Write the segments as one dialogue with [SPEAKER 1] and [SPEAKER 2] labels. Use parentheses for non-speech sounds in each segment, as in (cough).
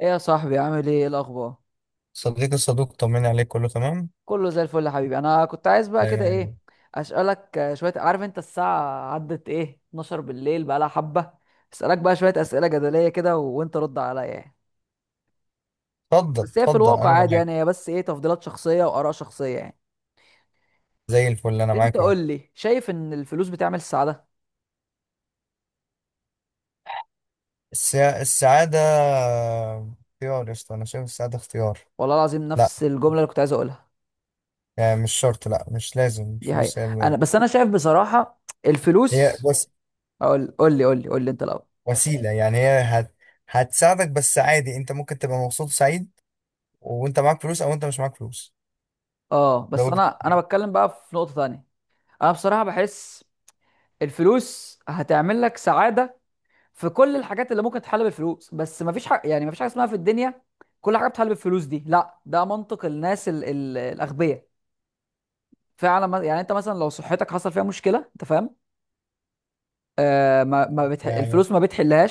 [SPEAKER 1] ايه يا صاحبي، عامل ايه؟ إيه الاخبار؟
[SPEAKER 2] صديقي الصدوق طمني عليك، كله تمام.
[SPEAKER 1] كله زي الفل يا حبيبي. انا كنت عايز بقى
[SPEAKER 2] دايما
[SPEAKER 1] كده
[SPEAKER 2] يعني.
[SPEAKER 1] ايه، اسالك شويه. عارف انت الساعه عدت ايه؟ 12 بالليل، بقى لها حبه. اسالك بقى شويه اسئله جدليه كده وانت رد عليا يعني.
[SPEAKER 2] اتفضل
[SPEAKER 1] بس هي في الواقع
[SPEAKER 2] انا
[SPEAKER 1] عادي
[SPEAKER 2] معاك.
[SPEAKER 1] يعني، هي بس ايه، تفضيلات شخصيه واراء شخصيه يعني.
[SPEAKER 2] زي الفل، انا
[SPEAKER 1] انت
[SPEAKER 2] معاك اهو.
[SPEAKER 1] قول لي، شايف ان الفلوس بتعمل السعاده؟
[SPEAKER 2] السعاده اختيار يا اسطى، انا شايف السعاده اختيار.
[SPEAKER 1] والله العظيم
[SPEAKER 2] لا
[SPEAKER 1] نفس الجمله اللي كنت عايز اقولها.
[SPEAKER 2] يعني مش شرط، لا مش لازم
[SPEAKER 1] دي حقيقه.
[SPEAKER 2] الفلوس هي
[SPEAKER 1] انا بس انا شايف بصراحه
[SPEAKER 2] هي
[SPEAKER 1] الفلوس.
[SPEAKER 2] بس
[SPEAKER 1] اقول، قول لي قول لي قول لي انت الاول.
[SPEAKER 2] وسيله، يعني هتساعدك. بس عادي انت ممكن تبقى مبسوط سعيد وانت معاك فلوس او انت مش معاك فلوس.
[SPEAKER 1] اه
[SPEAKER 2] ده
[SPEAKER 1] بس
[SPEAKER 2] وجه
[SPEAKER 1] انا بتكلم بقى في نقطه ثانيه. انا بصراحه بحس الفلوس هتعمل لك سعادة في كل الحاجات اللي ممكن تحل بالفلوس، بس مفيش حاجة، يعني مفيش حاجة اسمها في الدنيا كل حاجة بتحل بالفلوس. دي لا، ده منطق الناس ال الأغبياء. فعلا يعني انت مثلا لو صحتك حصل فيها مشكلة، انت فاهم. ما ما بتح...
[SPEAKER 2] يعني.
[SPEAKER 1] الفلوس ما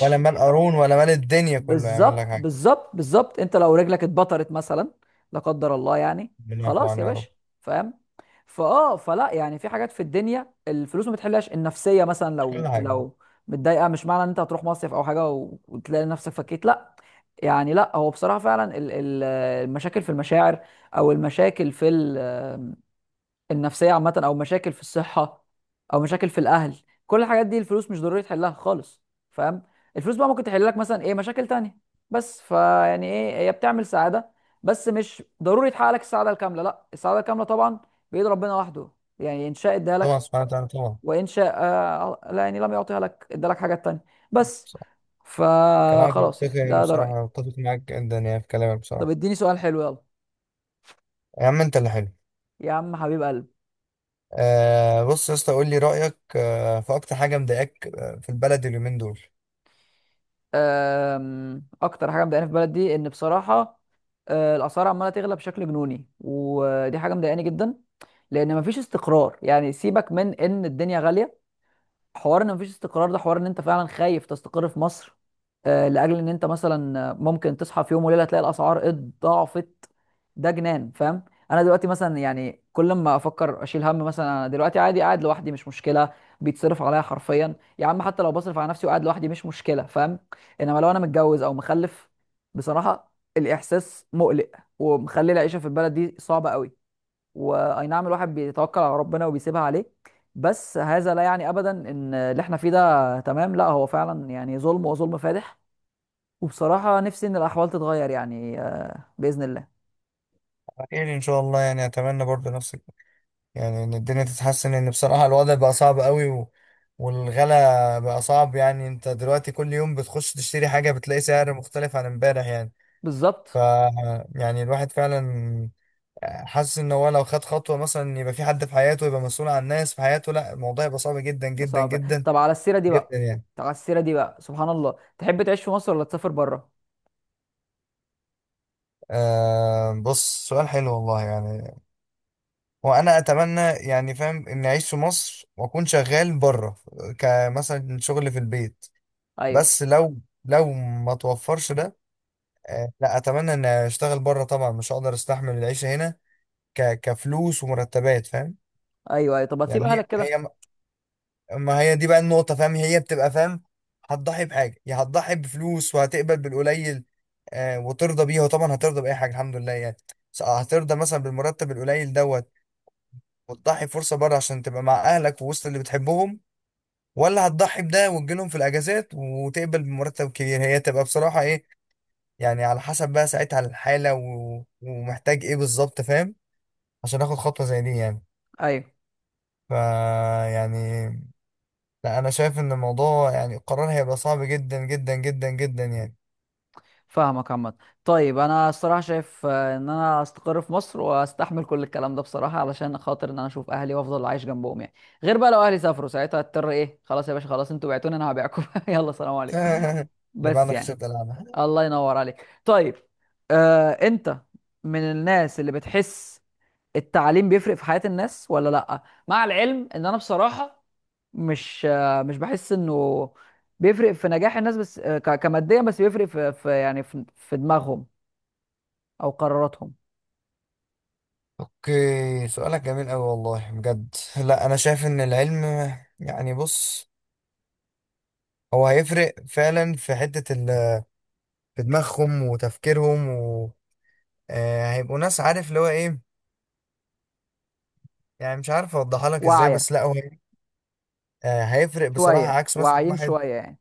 [SPEAKER 2] ولا مال قارون ولا مال الدنيا كله يعمل لك
[SPEAKER 1] بالظبط
[SPEAKER 2] حاجه.
[SPEAKER 1] بالظبط بالظبط، انت لو رجلك اتبطرت مثلا، لا قدر الله يعني.
[SPEAKER 2] ربنا يعفو
[SPEAKER 1] خلاص يا
[SPEAKER 2] عنا يا رب.
[SPEAKER 1] باشا، فاهم. فلا يعني في حاجات في الدنيا الفلوس ما بتحلهاش. النفسيه مثلا،
[SPEAKER 2] مش كل
[SPEAKER 1] لو
[SPEAKER 2] حاجه.
[SPEAKER 1] متضايقه، مش معنى ان انت هتروح مصيف او حاجه وتلاقي نفسك فكيت، لا. يعني لا، هو بصراحه فعلا المشاكل في المشاعر، او المشاكل في النفسيه عامه، او مشاكل في الصحه، او مشاكل في الاهل. كل الحاجات دي الفلوس مش ضروري تحلها خالص، فاهم. الفلوس بقى ممكن تحل لك مثلا ايه، مشاكل تانية. بس فيعني ايه، هي بتعمل سعاده بس مش ضروري تحقق لك السعاده الكامله. لا السعاده الكامله طبعا بايد ربنا وحده، يعني ان شاء اداها لك،
[SPEAKER 2] طبعا، سبحانه وتعالى، طبعا.
[SPEAKER 1] وان شاء لا، يعني لم يعطيها لك ادالك حاجات تانية. بس،
[SPEAKER 2] كلامك
[SPEAKER 1] فخلاص يعني
[SPEAKER 2] منطقي، يعني
[SPEAKER 1] ده رايي.
[SPEAKER 2] بصراحة أتفق معاك جدا، يعني في كلامك
[SPEAKER 1] طب
[SPEAKER 2] بصراحة.
[SPEAKER 1] اديني سؤال حلو يلا.
[SPEAKER 2] يا عم أنت اللي حلو.
[SPEAKER 1] يا عم حبيب قلبي.
[SPEAKER 2] بص يا اسطى، قول لي رأيك في أكتر حاجة مضايقاك في البلد اليومين دول.
[SPEAKER 1] اكتر حاجه مضايقاني في بلدي ان بصراحه الاسعار عماله تغلى بشكل جنوني، ودي حاجه مضايقاني جدا. لان مفيش استقرار، يعني سيبك من ان الدنيا غاليه، حوار ان مفيش استقرار ده حوار ان انت فعلا خايف تستقر في مصر. لاجل ان انت مثلا ممكن تصحى في يوم وليله تلاقي الاسعار اتضاعفت. ده جنان، فاهم. انا دلوقتي مثلا يعني كل ما افكر اشيل هم، مثلا انا دلوقتي عادي قاعد لوحدي، مش مشكله، بيتصرف عليا حرفيا يا عم. حتى لو بصرف على نفسي وقاعد لوحدي مش مشكله، فاهم. انما لو انا متجوز او مخلف، بصراحه الاحساس مقلق، ومخلي العيشه في البلد دي صعبه قوي. واي نعم الواحد بيتوكل على ربنا وبيسيبها عليه، بس هذا لا يعني ابدا ان اللي احنا فيه ده تمام. لا، هو فعلا يعني ظلم وظلم فادح. وبصراحة نفسي ان الاحوال تتغير يعني باذن الله.
[SPEAKER 2] خير إن شاء الله، يعني أتمنى برضه نفسك، يعني إن الدنيا تتحسن، لأن بصراحة الوضع بقى صعب قوي والغلا بقى صعب. يعني أنت دلوقتي كل يوم بتخش تشتري حاجة بتلاقي سعر مختلف عن امبارح يعني. ف
[SPEAKER 1] بالظبط.
[SPEAKER 2] يعني الواحد فعلا حاسس ان هو لو خد خطوه مثلا يبقى في حد في حياته، يبقى مسؤول عن الناس في حياته، لا الموضوع يبقى صعب جدا
[SPEAKER 1] بس
[SPEAKER 2] جدا
[SPEAKER 1] عارف.
[SPEAKER 2] جدا
[SPEAKER 1] طب على السيرة دي
[SPEAKER 2] جدا
[SPEAKER 1] بقى،
[SPEAKER 2] يعني.
[SPEAKER 1] سبحان الله، تحب تعيش في مصر ولا تسافر بره؟
[SPEAKER 2] بص، سؤال حلو والله يعني. وانا اتمنى يعني فاهم اني اعيش في مصر واكون شغال بره، كمثلا شغل في البيت.
[SPEAKER 1] ايوه.
[SPEAKER 2] بس لو ما توفرش ده، آه لا، اتمنى ان اشتغل بره طبعا، مش هقدر استحمل العيشه هنا كفلوس ومرتبات، فاهم؟
[SPEAKER 1] ايوه ايوه، طب هتسيب
[SPEAKER 2] يعني
[SPEAKER 1] اهلك كده؟
[SPEAKER 2] هي ما هي دي بقى النقطة، فاهم؟ هي بتبقى فاهم هتضحي بحاجة، يا هتضحي بفلوس وهتقبل بالقليل، آه وترضى بيها، وطبعا هترضى بأي حاجة الحمد لله يعني. بس هترضى مثلا بالمرتب القليل دوت وتضحي فرصة بره عشان تبقى مع أهلك ووسط اللي بتحبهم، ولا هتضحي بده وتجيلهم في الأجازات وتقبل بمرتب كبير؟ هي تبقى بصراحة إيه يعني، على حسب بقى ساعتها الحالة ومحتاج إيه بالظبط، فاهم؟ عشان آخد خطوة زي دي يعني.
[SPEAKER 1] ايوه.
[SPEAKER 2] فا يعني لا، انا شايف ان الموضوع، يعني القرار هيبقى صعب جدا جدا جدا جدا يعني.
[SPEAKER 1] فاهمك عامة. طيب انا الصراحة شايف ان انا استقر في مصر واستحمل كل الكلام ده بصراحة علشان خاطر ان انا اشوف اهلي وافضل عايش جنبهم يعني. غير بقى لو اهلي سافروا ساعتها هضطر ايه، خلاص يا باشا خلاص، انتوا بعتوني انا هبيعكم (laughs) يلا سلام
[SPEAKER 2] (laughs)
[SPEAKER 1] عليكم.
[SPEAKER 2] اللي بقى
[SPEAKER 1] بس
[SPEAKER 2] انا
[SPEAKER 1] يعني،
[SPEAKER 2] خسرت العبها.
[SPEAKER 1] الله ينور عليك. طيب انت من الناس اللي بتحس التعليم بيفرق في حياة الناس ولا لأ؟ مع العلم ان انا بصراحة مش بحس انه بيفرق في نجاح الناس، بس كماديا، بس بيفرق في يعني في دماغهم او قراراتهم.
[SPEAKER 2] اوكي، سؤالك جميل قوي والله بجد. لا انا شايف ان العلم، يعني بص، هو هيفرق فعلا في في دماغهم وتفكيرهم هيبقوا ناس عارف اللي هو ايه، يعني مش عارف اوضحها لك ازاي،
[SPEAKER 1] واعية.
[SPEAKER 2] بس لا هيفرق بصراحة،
[SPEAKER 1] شوية
[SPEAKER 2] عكس مثلا
[SPEAKER 1] واعيين
[SPEAKER 2] واحد.
[SPEAKER 1] شوية يعني.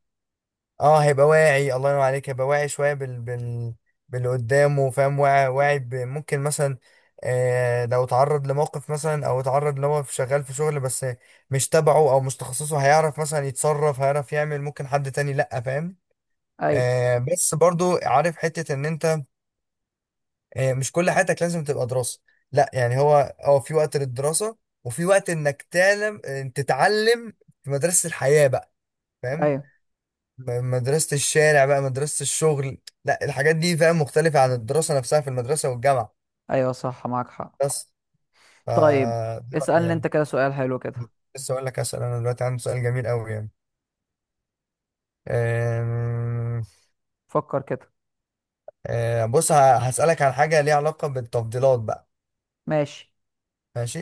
[SPEAKER 2] اه هيبقى واعي، الله ينور عليك، هيبقى واعي شويه بال باللي قدامه فاهم، واعي واعي ممكن مثلا لو اتعرض لموقف مثلا، او اتعرض لو هو شغال في شغل بس مش تبعه او مش تخصصه، هيعرف مثلا يتصرف، هيعرف يعمل ممكن حد تاني لأ، فاهم؟
[SPEAKER 1] ايوه
[SPEAKER 2] بس برضو عارف حته ان انت مش كل حياتك لازم تبقى دراسه، لأ يعني هو اه في وقت للدراسه وفي وقت انك تعلم، تتعلم في مدرسه الحياه بقى، فاهم؟
[SPEAKER 1] ايوه
[SPEAKER 2] مدرسة الشارع بقى، مدرسة الشغل، لا الحاجات دي فاهم مختلفة عن الدراسة نفسها في المدرسة والجامعة.
[SPEAKER 1] ايوه صح، معاك حق.
[SPEAKER 2] بس ف
[SPEAKER 1] طيب اسألني
[SPEAKER 2] يعني
[SPEAKER 1] انت كده سؤال حلو كده.
[SPEAKER 2] لسه اقول لك اسال، انا دلوقتي عندي سؤال جميل قوي يعني. أم...
[SPEAKER 1] فكر كده.
[SPEAKER 2] أه، بص هسالك عن حاجة ليها علاقة بالتفضيلات بقى.
[SPEAKER 1] ماشي.
[SPEAKER 2] ماشي،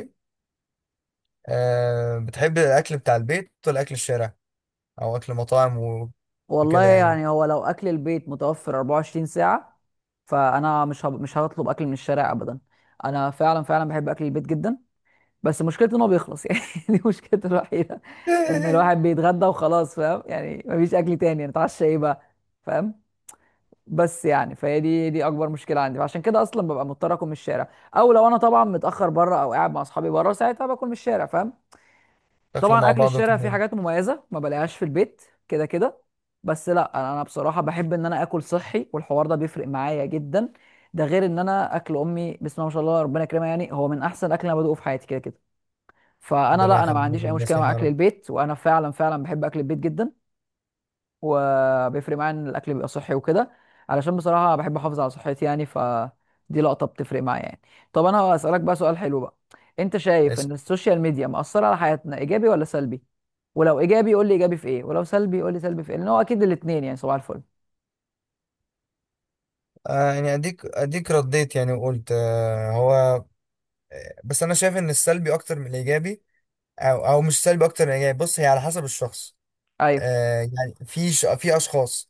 [SPEAKER 2] أه، بتحب الاكل بتاع البيت ولا اكل الشارع او اكل مطاعم
[SPEAKER 1] والله
[SPEAKER 2] وكده يعني؟
[SPEAKER 1] يعني، هو لو اكل البيت متوفر 24 ساعة، فانا مش هطلب اكل من الشارع ابدا. انا فعلا فعلا بحب اكل البيت جدا، بس مشكلته ان هو بيخلص يعني (laughs) دي مشكلته الوحيده، ان
[SPEAKER 2] (laughs)
[SPEAKER 1] الواحد بيتغدى وخلاص، فاهم، يعني مفيش اكل تاني نتعشى ايه بقى، فاهم. بس يعني فهي دي اكبر مشكله عندي، فعشان كده اصلا ببقى مضطر اكل من الشارع، او لو انا طبعا متاخر بره او قاعد مع اصحابي بره ساعتها باكل من الشارع، فاهم.
[SPEAKER 2] تاكلوا
[SPEAKER 1] طبعا
[SPEAKER 2] مع
[SPEAKER 1] اكل
[SPEAKER 2] بعض
[SPEAKER 1] الشارع فيه
[SPEAKER 2] وكده.
[SPEAKER 1] حاجات مميزه ما بلاقيهاش في البيت كده كده. بس لا، أنا بصراحه بحب ان انا اكل صحي، والحوار ده بيفرق معايا جدا. ده غير ان انا اكل امي، بسم الله ما شاء الله ربنا يكرمها، يعني هو من احسن اكل انا بدوقه في حياتي كده كده. فانا
[SPEAKER 2] ربنا
[SPEAKER 1] لا، انا ما
[SPEAKER 2] يخليك
[SPEAKER 1] عنديش اي
[SPEAKER 2] للناس
[SPEAKER 1] مشكله
[SPEAKER 2] يا
[SPEAKER 1] مع اكل البيت، وانا فعلا فعلا بحب اكل البيت جدا، وبيفرق معايا ان الاكل بيبقى صحي وكده، علشان بصراحه بحب احافظ على صحتي يعني. فدي لقطه بتفرق معايا يعني. طب انا هسالك بقى سؤال حلو بقى. انت شايف
[SPEAKER 2] رب.
[SPEAKER 1] ان السوشيال ميديا مأثره على حياتنا ايجابي ولا سلبي؟ ولو ايجابي قول لي ايجابي في ايه، ولو سلبي قول لي سلبي في ايه، لان هو اكيد الاثنين يعني. صباح الفل.
[SPEAKER 2] آه يعني اديك رديت يعني وقلت آه هو، آه، بس انا شايف ان السلبي اكتر من الايجابي. او مش سلبي اكتر من الايجابي، بص هي على حسب الشخص.
[SPEAKER 1] ايوه
[SPEAKER 2] آه يعني في في اشخاص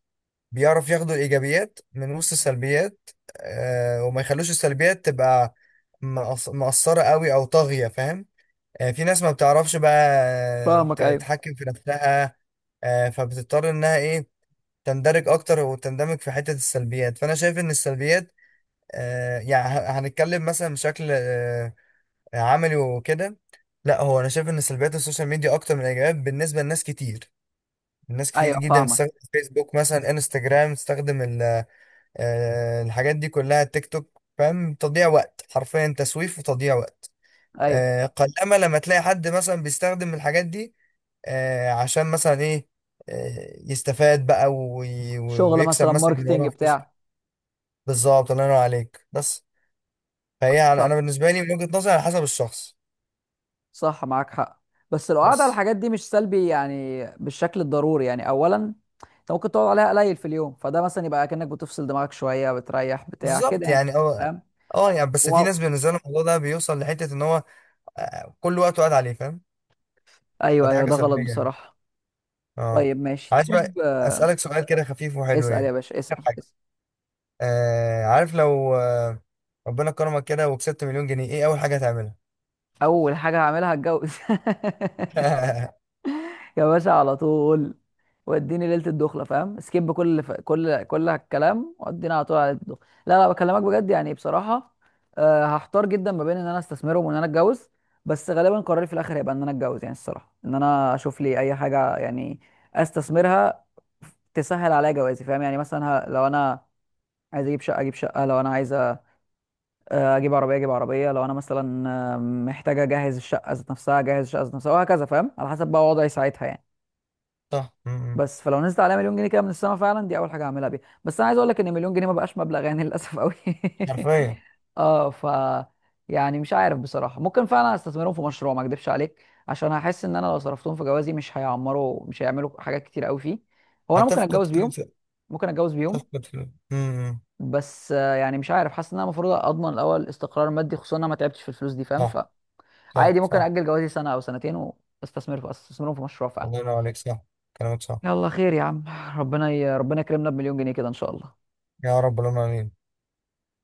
[SPEAKER 2] بيعرف ياخدوا الايجابيات من وسط السلبيات، آه وما يخلوش السلبيات تبقى مقصرة قوي او طاغية، فاهم؟ آه في ناس ما بتعرفش بقى
[SPEAKER 1] فاهمك. ايوه
[SPEAKER 2] تتحكم في نفسها، آه فبتضطر انها ايه تندرج اكتر وتندمج في حتة السلبيات. فانا شايف ان السلبيات، يعني هنتكلم مثلا بشكل عملي وكده، لا هو انا شايف ان سلبيات السوشيال ميديا اكتر من الايجابيات بالنسبه لناس كتير، ناس كتير
[SPEAKER 1] ايوه
[SPEAKER 2] جدا
[SPEAKER 1] فاهمك.
[SPEAKER 2] بتستخدم فيسبوك مثلا، انستجرام، تستخدم الحاجات دي كلها، تيك توك فاهم، تضييع وقت حرفيا، تسويف وتضييع وقت.
[SPEAKER 1] ايوه.
[SPEAKER 2] قلما لما تلاقي حد مثلا بيستخدم الحاجات دي عشان مثلا ايه، يستفاد بقى
[SPEAKER 1] شغل
[SPEAKER 2] ويكسب
[SPEAKER 1] مثلا
[SPEAKER 2] مثلا من
[SPEAKER 1] ماركتينج
[SPEAKER 2] وراها فلوس.
[SPEAKER 1] بتاع.
[SPEAKER 2] بالظبط، الله ينور عليك. بس فهي انا
[SPEAKER 1] صح.
[SPEAKER 2] بالنسبه لي من وجهه نظري على حسب الشخص.
[SPEAKER 1] صح، معاك حق. بس لو قعد على
[SPEAKER 2] بس
[SPEAKER 1] الحاجات دي مش سلبي يعني بالشكل الضروري يعني. اولا انت ممكن تقعد عليها قليل في اليوم، فده مثلا يبقى كأنك بتفصل دماغك شوية، بتريح بتاع كده
[SPEAKER 2] بالظبط
[SPEAKER 1] يعني،
[SPEAKER 2] يعني اه.
[SPEAKER 1] فاهم.
[SPEAKER 2] اه يعني بس
[SPEAKER 1] و...
[SPEAKER 2] في ناس بالنسبه لهم الموضوع ده بيوصل لحته ان هو كل وقته قاعد عليه، فاهم؟
[SPEAKER 1] ايوه
[SPEAKER 2] فدي
[SPEAKER 1] ايوه،
[SPEAKER 2] حاجه
[SPEAKER 1] ده غلط
[SPEAKER 2] سلبيه يعني.
[SPEAKER 1] بصراحة.
[SPEAKER 2] اه
[SPEAKER 1] طيب ماشي،
[SPEAKER 2] عايز
[SPEAKER 1] تحب.
[SPEAKER 2] بقى اسالك سؤال كده خفيف وحلو
[SPEAKER 1] اسأل يا
[SPEAKER 2] يعني،
[SPEAKER 1] باشا، اسأل,
[SPEAKER 2] آخر حاجه.
[SPEAKER 1] اسأل.
[SPEAKER 2] عارف لو آه ربنا كرمك كده وكسبت 1000000 جنيه، ايه اول حاجه هتعملها؟
[SPEAKER 1] اول حاجة هعملها هتجوز (laughs)
[SPEAKER 2] (laughs)
[SPEAKER 1] يا باشا على طول، واديني ليله الدخله فاهم، سكيب كل اللي ف... كل كل الكلام، واديني على طول على ليله الدخله. لا لا بكلمك بجد يعني بصراحه. هحتار جدا ما بين ان انا استثمرهم وان انا اتجوز. بس غالبا قراري في الاخر هيبقى ان انا اتجوز يعني. الصراحه ان انا اشوف لي اي حاجه يعني استثمرها، تسهل عليا جوازي فاهم يعني. مثلا لو انا عايز اجيب شقه اجيب شقه، لو انا عايز اجيب عربيه اجيب عربيه، لو انا مثلا محتاجه اجهز الشقه ذات نفسها اجهز الشقه ذات نفسها، وهكذا فاهم على حسب بقى وضعي ساعتها يعني.
[SPEAKER 2] صح م.
[SPEAKER 1] بس فلو نزلت عليها مليون جنيه كده من السما، فعلا دي اول حاجه هعملها بيها. بس انا عايز اقول لك ان مليون جنيه ما بقاش مبلغ يعني للاسف قوي. (laughs)
[SPEAKER 2] حرفيا.
[SPEAKER 1] اه ف يعني مش عارف بصراحه، ممكن فعلا استثمرهم في مشروع ما اكدبش عليك، عشان هحس ان انا لو صرفتهم في جوازي مش هيعملوا حاجات كتير قوي فيه. هو انا ممكن
[SPEAKER 2] هتفقد
[SPEAKER 1] اتجوز
[SPEAKER 2] كل،
[SPEAKER 1] بيهم، ممكن اتجوز بيهم
[SPEAKER 2] تفقد فلوس م.
[SPEAKER 1] بس يعني مش عارف، حاسس ان انا المفروض اضمن الاول استقرار مادي، خصوصا ان انا ما تعبتش في الفلوس دي، فاهم.
[SPEAKER 2] صح، صح،
[SPEAKER 1] فعادي ممكن
[SPEAKER 2] صح.
[SPEAKER 1] اجل جوازي سنه او سنتين واستثمر في استثمرهم في مشروع فعلا.
[SPEAKER 2] الله ينور عليك، صح، كلامك صح.
[SPEAKER 1] يلا خير يا عم، ربنا ربنا يكرمنا بمليون جنيه كده ان شاء الله.
[SPEAKER 2] يا رب، اللهم امين.